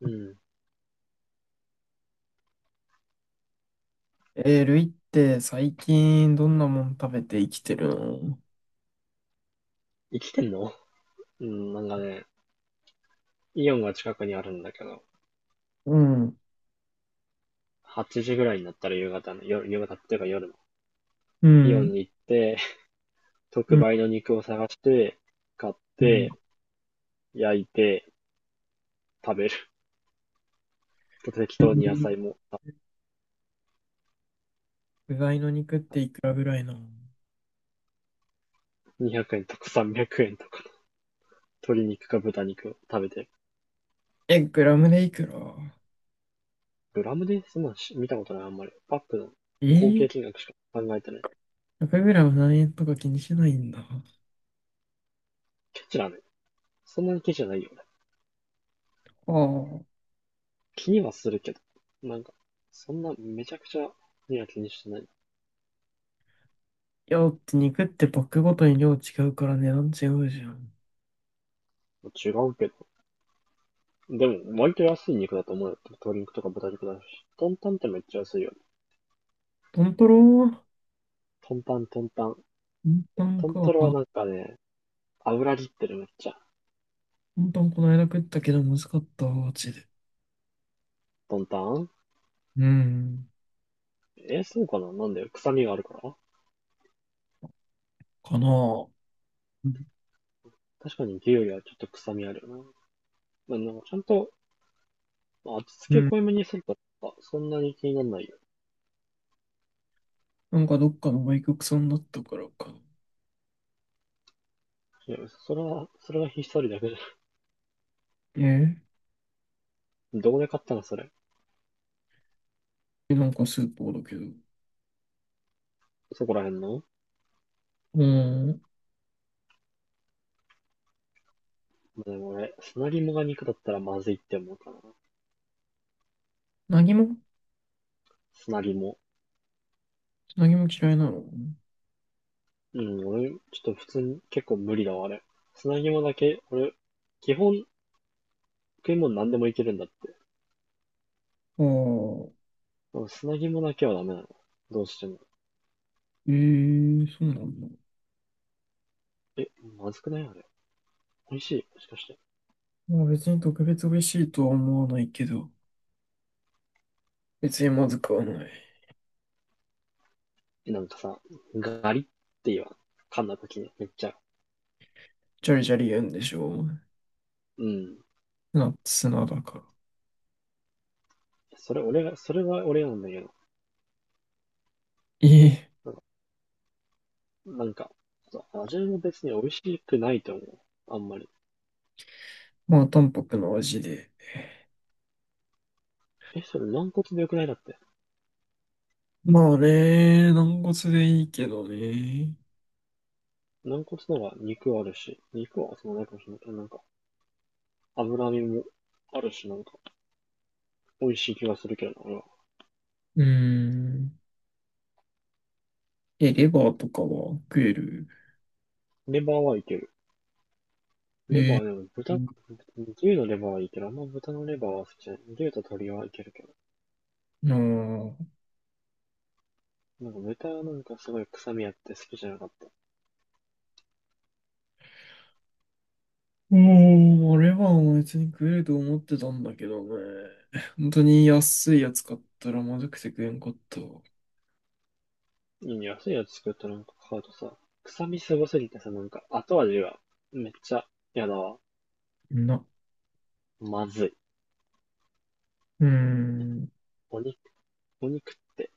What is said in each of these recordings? うん。ルイって最近どんなもん食べて生きてるの？生きてんの？ うん、なんかね、イオンが近くにあるんだけど、うん。8時ぐらいになったら夕方の、夜、夕方っていうか夜の、うイオん、ンに行って、う特ん、売の肉を探して、買っうん。て、焼いて、食べる。と適当に野菜も、具材の肉っていくらぐらいなの？200円とか300円とか、鶏肉か豚肉を食べてる。え、グラムでいくら？グラムでそんなのし見たことない、あんまり。パックのえ合計ー、金額しか考えてない。100グラム何円とか気にしないんだ。あケチだね。そんなにケチじゃないよ、俺。あ。気にはするけど。なんか、そんなめちゃくちゃには気にしてない。いや、だって肉ってパックごとに量違うから値段違うじゃん。違うけど。でも、割と安い肉だと思うよ。鶏肉とか豚肉だし。トンタンってめっちゃ安いよね。トントロ。トンタン、トンタン。トントントか。ントロはトなんかね、油切ってるめっちゃ。ントンこの間食ったけどまずかったわ、マジで。トンタン、うん。えー、そうかな。なんで臭みがあるから、かなあ。うん。確かに牛よりはちょっと臭みあるよな。まあ、なんかちゃんと、まあ味う付けん、濃いめにすると、そんなに気にならないよ。なんかどっかの外国産だったからか。いや、それはひっそりだけど。えー、どこで買ったのそれ？え、なんかスーパーだけど。そこら辺の。うん。まあ、でも俺、砂肝が肉だったらまずいって思うかな。何も、砂肝。何も嫌いなの？うん、俺、ちょっと普通に結構無理だわ、あれ。砂肝だけ、俺、基本食い物何でもいけるんだって。ああ、でも砂肝だけはダメなの。どうしても。ええ、そうなんだ。え、まずくないあれ？美味しいもしかして？まあ別に特別美味しいとは思わないけど、別にまずくはない。えなんかさ、ガリって言わん？噛んだ時に、めっちゃ。ジャリジャリ言うんでしょ？うん。ナッツなだから。それは俺なんだけど。ええ、なんか、なんかそう味も別に美味しくないと思う。あんまり。まあ淡白な味で。え、それ軟骨でよくないだって。まあね、軟骨でいいけどね。軟骨なら肉あるし、肉はそのないかもしれないけど、なんか、脂身もあるし、なんか、美味しい気がするけどな、俺は。うーん。え、レバーとかは食える？レバーはいける。レバえー、え、でも豚、牛のレバーはいける。あんま豚のレバーは好きじゃない。牛と鶏はいけるけど。なあ。なんか豚はなんかすごい臭みあって好きじゃなかった。もう、あれは別に食えると思ってたんだけどね。本当に安いやつ買ったらまずくて食えんかった。安いやつ作ったなんか買うとさ、臭みすごすぎてさ、なんか後味がめっちゃ嫌だわ。な、まずい。うーん、うお肉、お肉って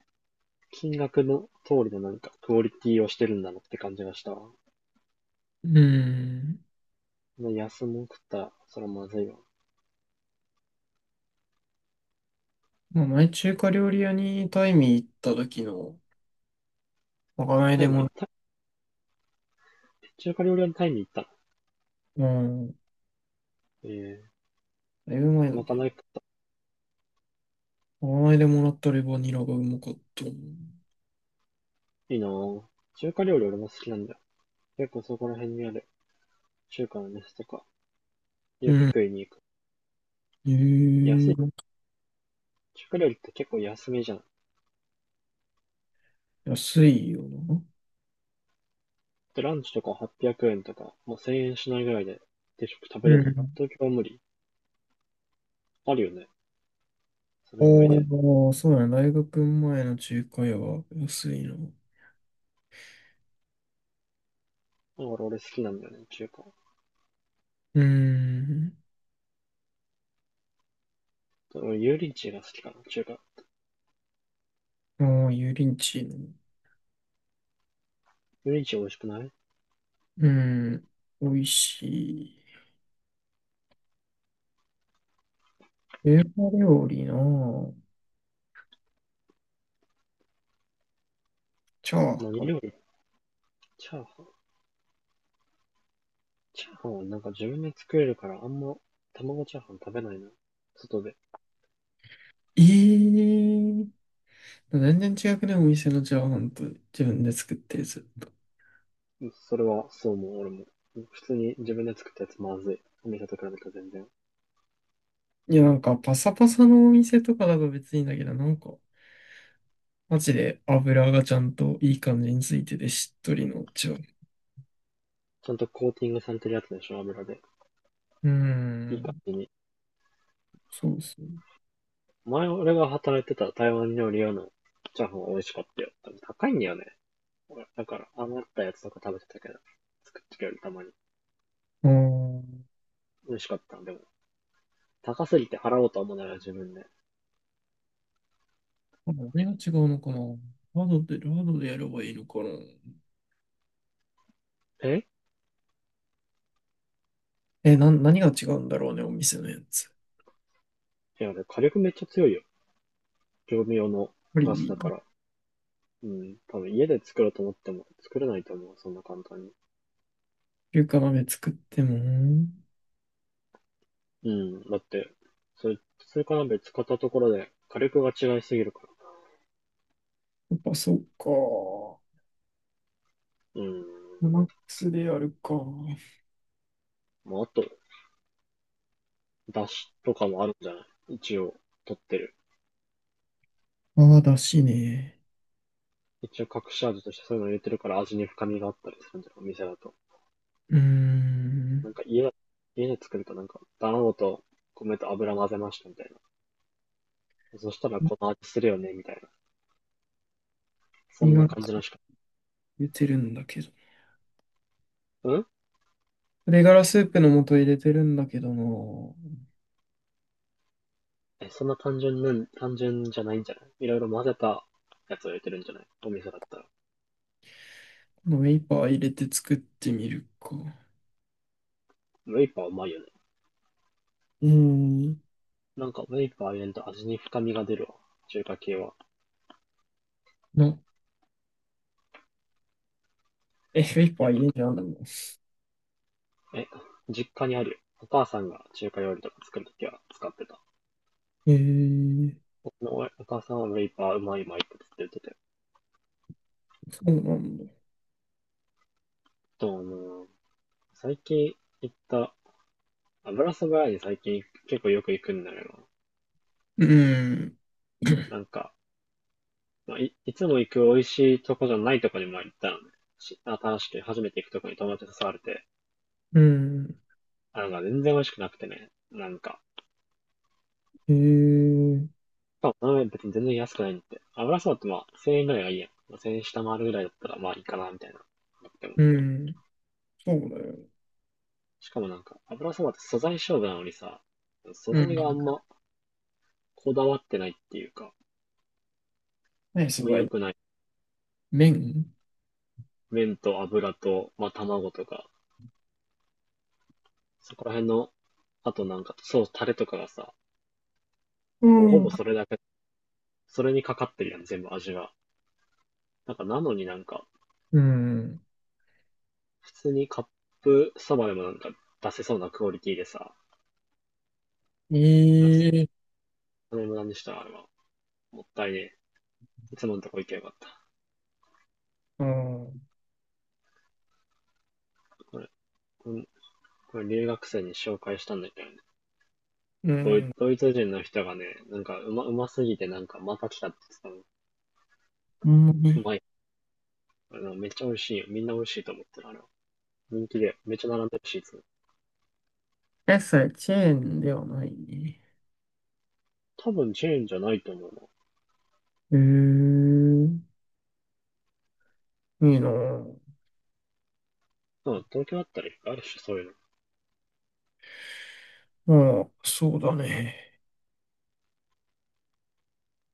金額の通りのなんかクオリティをしてるんだなって感じがしたわ。ーん。安も食ったら、それはまずいわ。まあ、前中華料理屋にタイミー行った時の、まかないタでイももら、行った中華料理屋のタイに行ったの。うん、ええ、だいぶ前だまかけない食っど、まかないでもらったレバニラがうまかったな。いいなぁ。中華料理俺も好きなんだよ。結構そこら辺にある中華の店とか、ようくん。食いに行く。へ安え、い。中華料理って結構安めじゃん。安いよな。で、ランチとか800円とか、もう1000円しないぐらいで定食食うべれない。ん。東京は無理。あるよね。それぐらいで。だかおー、そうだね。大学前の中華屋は安いな。うら俺好きなんだよね、中華。ーん。俺、油淋鶏が好きかな、中華。もう油淋鶏の。油淋鶏美味しくない？うん。美味しい。中華料理のチャー何ハ料理？チャーハン。チャーハンはなんか自分で作れるからあんま卵チャーハン食べないな。外で。ン。ええ、全然違くね、お店のチャーハンと自分で作ってるずっと。それは、そうもう、俺も。普通に自分で作ったやつまずい。お店と比べたら全然。いや、なんかパサパサのお店とかだと別にいいんだけど、なんか、マジで油がちゃんといい感じについててしっとりのチャーハちゃんとコーティングされてるやつでしょ、油で。ン。うーいい感ん。じに。そうそう。前俺が働いてた台湾料理屋のチャーハンは美味しかったよ。多分高いんだよね。だから、余ったやつとか食べてたけど、作ってくれるたまに。うーん。美味しかった。でも、高すぎて払おうとは思うなら自分で。あ、何が違うのかな。ラードでやればいいのかな？え、え、何が違うんだろうね、お店のやつ。いや、火力めっちゃ強いよ。業務用のぱガスり、だから。うん。多分家で作ろうと思っても作れないと思う。そんな簡単に。中華鍋作っても、うん、だって、それ、それから別買ったところで火力が違いすぎるかやっぱそうか。ら。うん。マックスでやるか。まあ、あと、出汁とかもあるんじゃない？一応、取ってる。ああ、だしね。一応隠し味としてそういうの入れてるから味に深みがあったりするんじゃない？お店だと。うーん。なんか家だ、家で作るとなんか、卵と米と油混ぜましたみたいな。そしたらこの味するよね、みたいな。そ鶏んガラなス感じーのプしか。入れてるんだけど。うん。鶏ガラスープの素入れてるんだけどな。こえ、そんな単純なん、単純じゃないんじゃない？いろいろ混ぜたやつを入れてるんじゃない？お店だったら。のウェイパー入れて作ってみるか。ウェイパーうまいよね。うーん。なんか、ウェイパー入れると味に深みが出るわ。中華系は。な、え、ウェイいパーや、入れてあんだもん。え、実家にあるよ。お母さんが中華料理とか作るときは使ってた。えー、僕のお母さんはウェイパーうまいうまいってっ言ってて。そうなんだ。と、あの最近行った、油そば屋に最近結構よく行くんだけど、うーん。なんか、まあ、いつも行く美味しいとこじゃないとこにも行ったのね。し新しく初めて行くとこに友達に誘われて、うん。あ、なんか全然美味しくなくてね、なんか、えー、かも別に全然安くないんで。油そばってまあ、1000円ぐらいがいいやん。まあ1000円下回るぐらいだったらまあいいかな、みたいな。でも、うん。そうだよ。しかもなんか、油そばって素材勝負なのにさ、素うん。材があんまこだわってないっていうか、何あん素ま良材？くない。麺。麺と油と、まあ卵とか、そこら辺の、あとなんか、そう、タレとかがさ、うもうほん。ぼそれだけ、それにかかってるやん、全部味が。なんか、なのになんか、うん。普通にカップそばでもなんか出せそうなクオリティでさ、あええ、れもなんでしたらあれは、もったいねえ。いつものとこ行けばよかった。うん。これ、これ、これ留学生に紹介したんだけどね。うドイん。ドイツ人の人がね、なんかうますぎてなんかまた来たって言ってうんたの。うね。まい。あのめっちゃ美味しいよ。みんな美味しいと思ってる。あれは。人気で。めっちゃ並んでるし、いつも。え、それ、チェーンではないね。多分チェーンじゃないと思うええ、いいなぁ。な。うん、東京あったらあるし、そういうの。うん、そうだね。